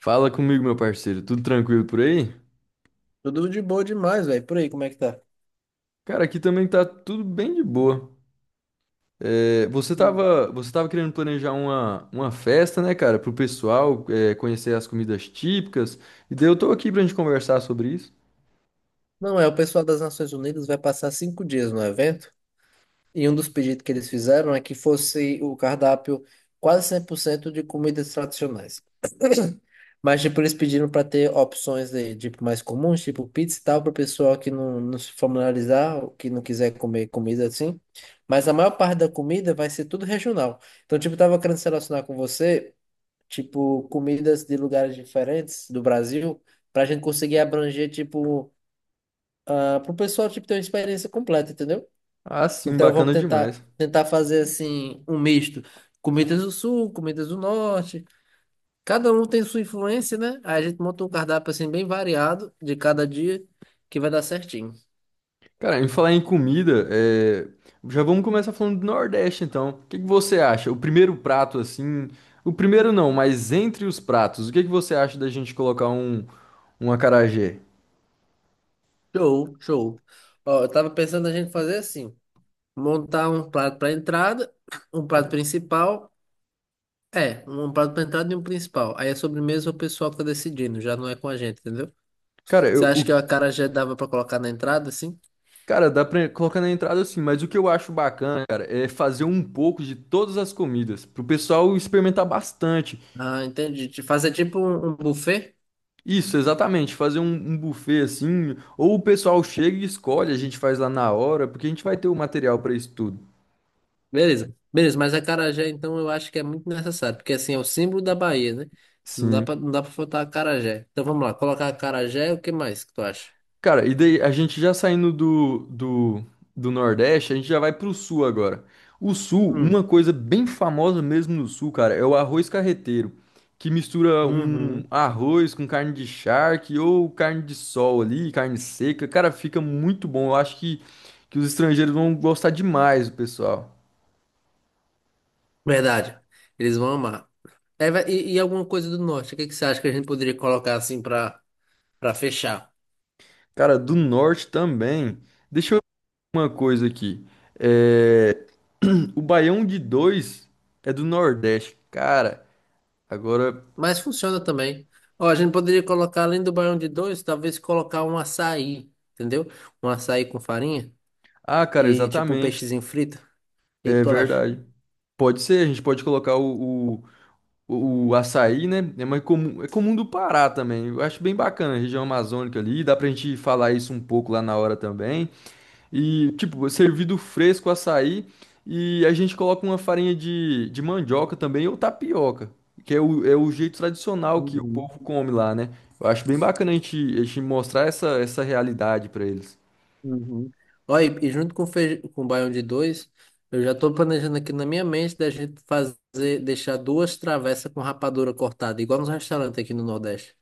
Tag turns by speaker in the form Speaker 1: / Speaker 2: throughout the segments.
Speaker 1: Fala comigo, meu parceiro. Tudo tranquilo por aí?
Speaker 2: Tudo de boa demais, velho. Por aí, como é que tá?
Speaker 1: Cara, aqui também tá tudo bem de boa. É, você
Speaker 2: Hum.
Speaker 1: tava, você tava querendo planejar uma festa, né, cara, pro pessoal, é, conhecer as comidas típicas. E daí eu tô aqui pra gente conversar sobre isso.
Speaker 2: Não, é, o pessoal das Nações Unidas vai passar 5 dias no evento e um dos pedidos que eles fizeram é que fosse o cardápio quase 100% de comidas tradicionais. Mas, tipo, eles pediram para ter opções de, tipo, mais comuns, tipo pizza e tal, para o pessoal que não se familiarizar, que não quiser comer comida assim. Mas a maior parte da comida vai ser tudo regional. Então, tipo, eu tava querendo se relacionar com você. Tipo, comidas de lugares diferentes do Brasil, para a gente conseguir abranger, tipo, para o pessoal, tipo, ter uma experiência completa, entendeu?
Speaker 1: Ah, sim,
Speaker 2: Então, vamos
Speaker 1: bacana
Speaker 2: tentar,
Speaker 1: demais.
Speaker 2: tentar fazer, assim, um misto. Comidas do Sul, comidas do Norte. Cada um tem sua influência, né? Aí a gente monta um cardápio, assim, bem variado de cada dia, que vai dar certinho.
Speaker 1: Cara, em falar em comida, é, já vamos começar falando do Nordeste, então. O que que você acha? O primeiro prato, assim. O primeiro não, mas entre os pratos, o que que você acha da gente colocar um acarajé?
Speaker 2: Show, show. Ó, eu tava pensando a gente fazer assim, montar um prato para entrada, um prato principal. É, um prato pra entrada e um principal. Aí a sobremesa é o pessoal que tá decidindo, já não é com a gente, entendeu?
Speaker 1: Cara,
Speaker 2: Você
Speaker 1: eu,
Speaker 2: acha
Speaker 1: o
Speaker 2: que o
Speaker 1: que
Speaker 2: acarajé dava pra colocar na entrada, assim?
Speaker 1: Cara, dá pra colocar na entrada assim, mas o que eu acho bacana, cara, é fazer um pouco de todas as comidas, pro pessoal experimentar bastante.
Speaker 2: Ah, entendi. De fazer tipo um buffet?
Speaker 1: Isso, exatamente, fazer um buffet assim, ou o pessoal chega e escolhe, a gente faz lá na hora, porque a gente vai ter o material pra isso tudo.
Speaker 2: Beleza. Beleza, mas acarajé, então, eu acho que é muito necessário, porque assim, é o símbolo da Bahia, né? Se Não dá pra,
Speaker 1: Sim.
Speaker 2: não dá pra faltar acarajé. Então vamos lá, colocar acarajé, o que mais que tu acha?
Speaker 1: Cara, e daí a gente já saindo do Nordeste, a gente já vai pro Sul agora. O Sul,
Speaker 2: Hum,
Speaker 1: uma coisa bem famosa mesmo no Sul, cara, é o arroz carreteiro, que mistura um
Speaker 2: uhum.
Speaker 1: arroz com carne de charque ou carne de sol ali, carne seca. Cara, fica muito bom. Eu acho que os estrangeiros vão gostar demais, o pessoal.
Speaker 2: Verdade. Eles vão amar. E alguma coisa do norte, o que que você acha que a gente poderia colocar assim pra, pra fechar?
Speaker 1: Cara, do Norte também. Deixa eu ver uma coisa aqui. É... O baião de dois é do Nordeste, cara. Agora.
Speaker 2: Mas funciona também. Ó, a gente poderia colocar, além do baião de dois, talvez colocar um açaí, entendeu? Um açaí com farinha
Speaker 1: Ah,
Speaker 2: e
Speaker 1: cara,
Speaker 2: aí, tipo um
Speaker 1: exatamente.
Speaker 2: peixezinho frito. O que que
Speaker 1: É
Speaker 2: tu acha?
Speaker 1: verdade. Pode ser, a gente pode colocar o açaí, né? É mais comum, é comum do Pará também. Eu acho bem bacana a região amazônica ali. Dá pra gente falar isso um pouco lá na hora também. E, tipo, servido fresco açaí. E a gente coloca uma farinha de mandioca também ou tapioca, que é o jeito tradicional que o
Speaker 2: Uhum,
Speaker 1: povo come lá, né? Eu acho bem bacana a gente mostrar essa realidade pra eles.
Speaker 2: uhum. Ó, e junto com, com o baião de dois, eu já tô planejando aqui na minha mente da gente fazer, deixar duas travessas com rapadura cortada, igual nos restaurantes aqui no Nordeste. O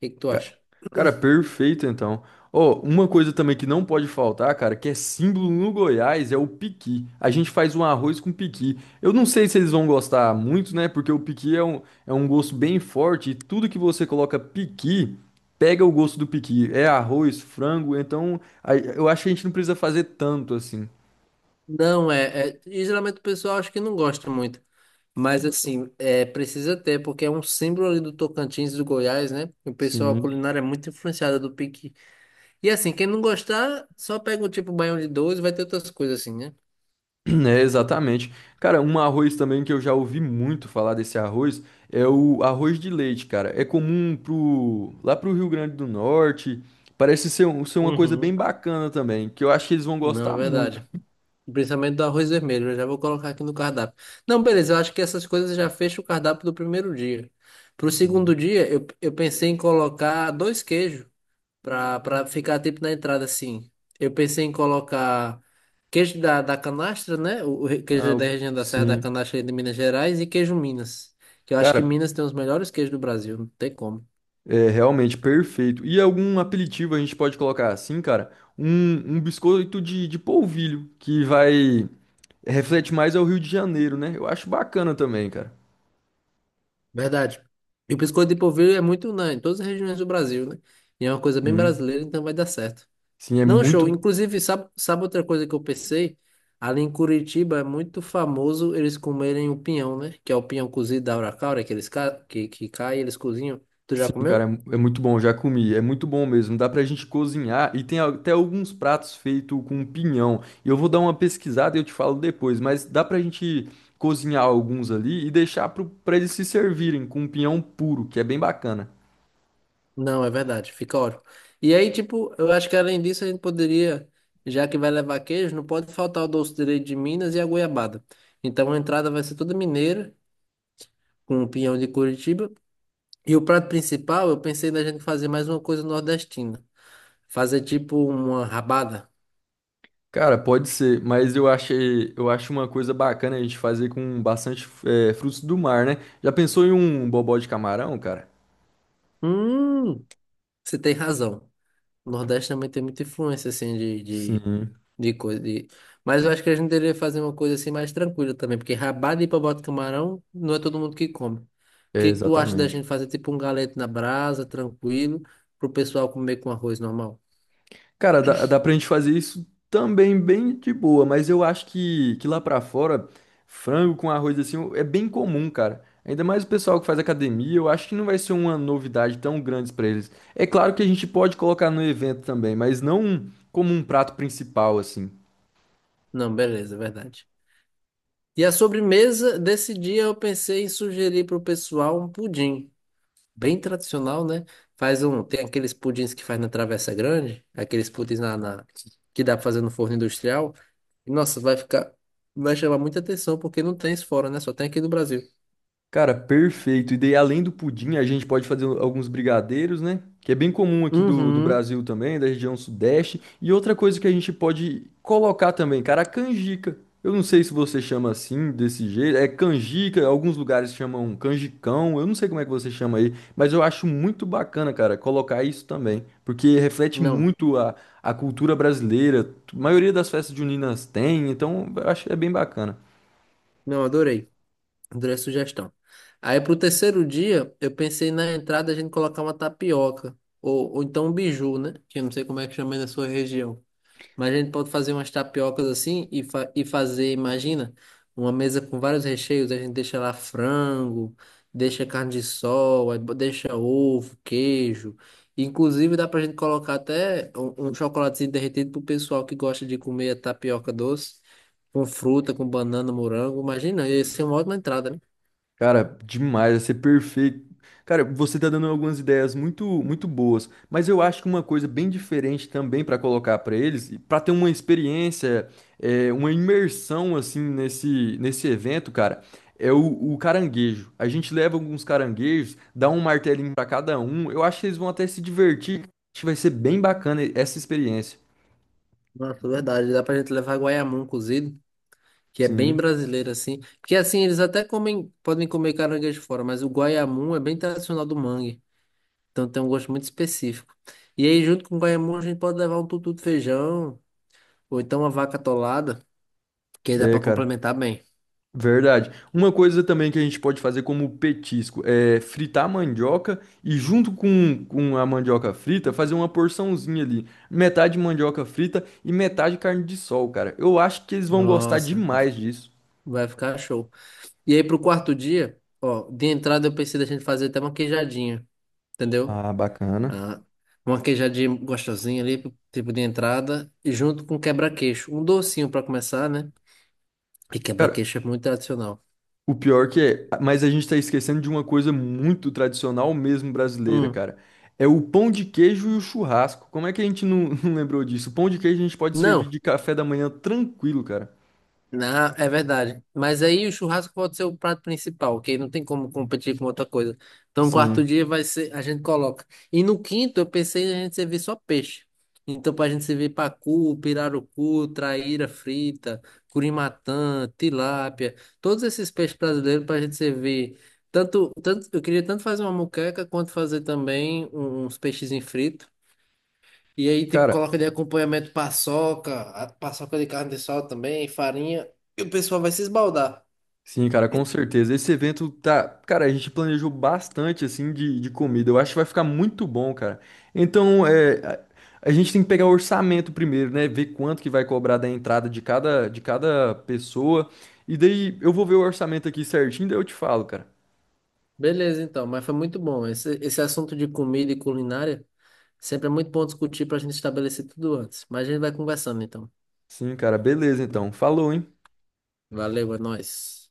Speaker 2: que que tu acha?
Speaker 1: Cara, perfeito então. Ó, uma coisa também que não pode faltar, cara, que é símbolo no Goiás, é o piqui. A gente faz um arroz com piqui. Eu não sei se eles vão gostar muito, né? Porque o piqui é um gosto bem forte e tudo que você coloca piqui, pega o gosto do piqui. É arroz, frango, então aí eu acho que a gente não precisa fazer tanto assim.
Speaker 2: Não, é, é. E Geralmente o pessoal acho que não gosta muito. Mas assim, é, precisa ter, porque é um símbolo ali do Tocantins, do Goiás, né? O pessoal, a
Speaker 1: Sim.
Speaker 2: culinária é muito influenciada do piqui. E assim, quem não gostar, só pega o tipo baião de dois e vai ter outras coisas assim, né?
Speaker 1: É, exatamente. Cara, um arroz também que eu já ouvi muito falar desse arroz é o arroz de leite, cara. É comum pro, lá pro Rio Grande do Norte. Parece ser, ser uma coisa bem
Speaker 2: Uhum.
Speaker 1: bacana também, que eu acho que eles vão
Speaker 2: Não, é
Speaker 1: gostar muito.
Speaker 2: verdade. Principalmente do arroz vermelho, eu já vou colocar aqui no cardápio. Não, beleza, eu acho que essas coisas já fecham o cardápio do primeiro dia. Pro segundo
Speaker 1: Sim.
Speaker 2: dia, eu pensei em colocar dois queijos. Pra, pra ficar tipo na entrada assim. Eu pensei em colocar queijo da canastra, né? O
Speaker 1: Ah,
Speaker 2: queijo da região da Serra da
Speaker 1: sim.
Speaker 2: Canastra de Minas Gerais e queijo Minas. Que eu acho que
Speaker 1: Cara,
Speaker 2: Minas tem os melhores queijos do Brasil, não tem como.
Speaker 1: é realmente perfeito. E algum apelitivo a gente pode colocar assim, cara? Um biscoito de polvilho, que vai... Reflete mais ao Rio de Janeiro, né? Eu acho bacana também, cara.
Speaker 2: Verdade. E o biscoito de polvilho é muito unânime em todas as regiões do Brasil, né? E é uma coisa bem
Speaker 1: Sim,
Speaker 2: brasileira, então vai dar certo.
Speaker 1: sim, é
Speaker 2: Não, show.
Speaker 1: muito.
Speaker 2: Inclusive, sabe, sabe outra coisa que eu pensei? Ali em Curitiba é muito famoso eles comerem o pinhão, né? Que é o pinhão cozido da Aura Caura, que eles que cai, eles cozinham. Tu já
Speaker 1: Sim, cara, é
Speaker 2: comeu?
Speaker 1: muito bom, já comi, é muito bom mesmo. Dá pra gente cozinhar e tem até alguns pratos feitos com pinhão. E eu vou dar uma pesquisada e eu te falo depois, mas dá pra gente cozinhar alguns ali e deixar pra eles se servirem com pinhão puro, que é bem bacana.
Speaker 2: Não, é verdade, fica ótimo. E aí, tipo, eu acho que além disso a gente poderia, já que vai levar queijo, não pode faltar o doce de leite de Minas e a goiabada. Então a entrada vai ser toda mineira, com o pinhão de Curitiba. E o prato principal, eu pensei da gente fazer mais uma coisa nordestina. Fazer tipo uma rabada.
Speaker 1: Cara, pode ser, mas eu acho uma coisa bacana a gente fazer com bastante frutos do mar, né? Já pensou em um bobó de camarão, cara?
Speaker 2: Hum, você tem razão. O Nordeste também tem muita influência, assim, de,
Speaker 1: Sim,
Speaker 2: De coisa de... Mas eu acho que a gente deveria fazer uma coisa assim mais tranquila também, porque rabada e papote de camarão não é todo mundo que come. O
Speaker 1: é
Speaker 2: que que tu acha da
Speaker 1: exatamente.
Speaker 2: gente fazer tipo um galeto na brasa, tranquilo, pro pessoal comer com arroz normal?
Speaker 1: Cara, dá pra gente fazer isso também bem de boa, mas eu acho que lá pra fora, frango com arroz assim é bem comum, cara. Ainda mais o pessoal que faz academia, eu acho que não vai ser uma novidade tão grande pra eles. É claro que a gente pode colocar no evento também, mas não como um prato principal, assim.
Speaker 2: Não, beleza, é verdade. E a sobremesa desse dia eu pensei em sugerir pro pessoal um pudim. Bem tradicional, né? Faz um, tem aqueles pudins que faz na Travessa Grande, aqueles pudins na que dá pra fazer no forno industrial. E, nossa, vai ficar, vai chamar muita atenção porque não tem isso fora, né? Só tem aqui no Brasil.
Speaker 1: Cara, perfeito. E daí, além do pudim, a gente pode fazer alguns brigadeiros, né? Que é bem comum aqui do
Speaker 2: Uhum.
Speaker 1: Brasil também, da região sudeste. E outra coisa que a gente pode colocar também, cara, a canjica. Eu não sei se você chama assim, desse jeito. É canjica, alguns lugares chamam canjicão. Eu não sei como é que você chama aí, mas eu acho muito bacana, cara, colocar isso também. Porque reflete
Speaker 2: Não,
Speaker 1: muito a cultura brasileira. A maioria das festas juninas tem, então eu acho que é bem bacana.
Speaker 2: não, adorei. Adorei a sugestão. Aí pro terceiro dia, eu pensei na entrada a gente colocar uma tapioca ou então um biju, né? Que eu não sei como é que chama aí na sua região. Mas a gente pode fazer umas tapiocas assim e, fa e fazer, imagina, uma mesa com vários recheios. A gente deixa lá frango, deixa carne de sol, deixa ovo, queijo. Inclusive dá pra gente colocar até um chocolatezinho derretido pro pessoal que gosta de comer a tapioca doce, com fruta, com banana, morango. Imagina, ia ser uma ótima entrada, né?
Speaker 1: Cara, demais, vai ser perfeito. Cara, você tá dando algumas ideias muito muito boas, mas eu acho que uma coisa bem diferente também para colocar para eles, para ter uma experiência, é, uma imersão assim nesse evento, cara, é o caranguejo. A gente leva alguns caranguejos, dá um martelinho para cada um. Eu acho que eles vão até se divertir. Acho que vai ser bem bacana essa experiência.
Speaker 2: Nossa, verdade. Dá pra gente levar guaiamum cozido. Que é bem
Speaker 1: Sim,
Speaker 2: brasileiro assim. Porque assim, eles até comem, podem comer caranguejo fora, mas o guaiamum é bem tradicional do mangue. Então tem um gosto muito específico. E aí, junto com o guaiamum, a gente pode levar um tutu de feijão, ou então uma vaca atolada, que aí dá
Speaker 1: é,
Speaker 2: pra
Speaker 1: cara.
Speaker 2: complementar bem.
Speaker 1: Verdade. Uma coisa também que a gente pode fazer como petisco é fritar a mandioca e junto com a mandioca frita fazer uma porçãozinha ali. Metade mandioca frita e metade carne de sol, cara. Eu acho que eles vão gostar
Speaker 2: Nossa,
Speaker 1: demais disso.
Speaker 2: vai ficar show. E aí, pro quarto dia, ó, de entrada eu pensei da gente fazer até uma queijadinha, entendeu?
Speaker 1: Ah, bacana.
Speaker 2: Ah, uma queijadinha gostosinha ali, tipo de entrada, e junto com quebra-queixo. Um docinho pra começar, né? E
Speaker 1: Cara,
Speaker 2: quebra-queixo é muito tradicional.
Speaker 1: o pior que é, mas a gente tá esquecendo de uma coisa muito tradicional mesmo brasileira,
Speaker 2: Hum.
Speaker 1: cara. É o pão de queijo e o churrasco. Como é que a gente não lembrou disso? O pão de queijo a gente pode
Speaker 2: Não,
Speaker 1: servir de café da manhã tranquilo, cara.
Speaker 2: na- É verdade. Mas aí o churrasco pode ser o prato principal, ok? Não tem como competir com outra coisa. Então, no quarto
Speaker 1: Sim.
Speaker 2: dia vai ser, a gente coloca. E no quinto, eu pensei em a gente servir só peixe. Então, pra gente servir pacu, pirarucu, traíra frita, curimatã, tilápia, todos esses peixes brasileiros pra gente servir. Tanto eu queria tanto fazer uma moqueca quanto fazer também uns peixes fritos. E aí, tipo,
Speaker 1: Cara,
Speaker 2: coloca de acompanhamento paçoca, a paçoca de carne de sol também, farinha, e o pessoal vai se esbaldar.
Speaker 1: Sim, cara, com certeza. Esse evento tá. Cara, a gente planejou bastante, assim, de comida. Eu acho que vai ficar muito bom, cara. Então, é, a gente tem que pegar o orçamento primeiro, né? Ver quanto que vai cobrar da entrada de cada pessoa. E daí eu vou ver o orçamento aqui certinho, daí eu te falo, cara.
Speaker 2: Beleza, então, mas foi muito bom. Esse assunto de comida e culinária sempre é muito bom discutir para a gente estabelecer tudo antes. Mas a gente vai conversando, então.
Speaker 1: Sim, cara, beleza, então. Falou, hein?
Speaker 2: Valeu, é nóis.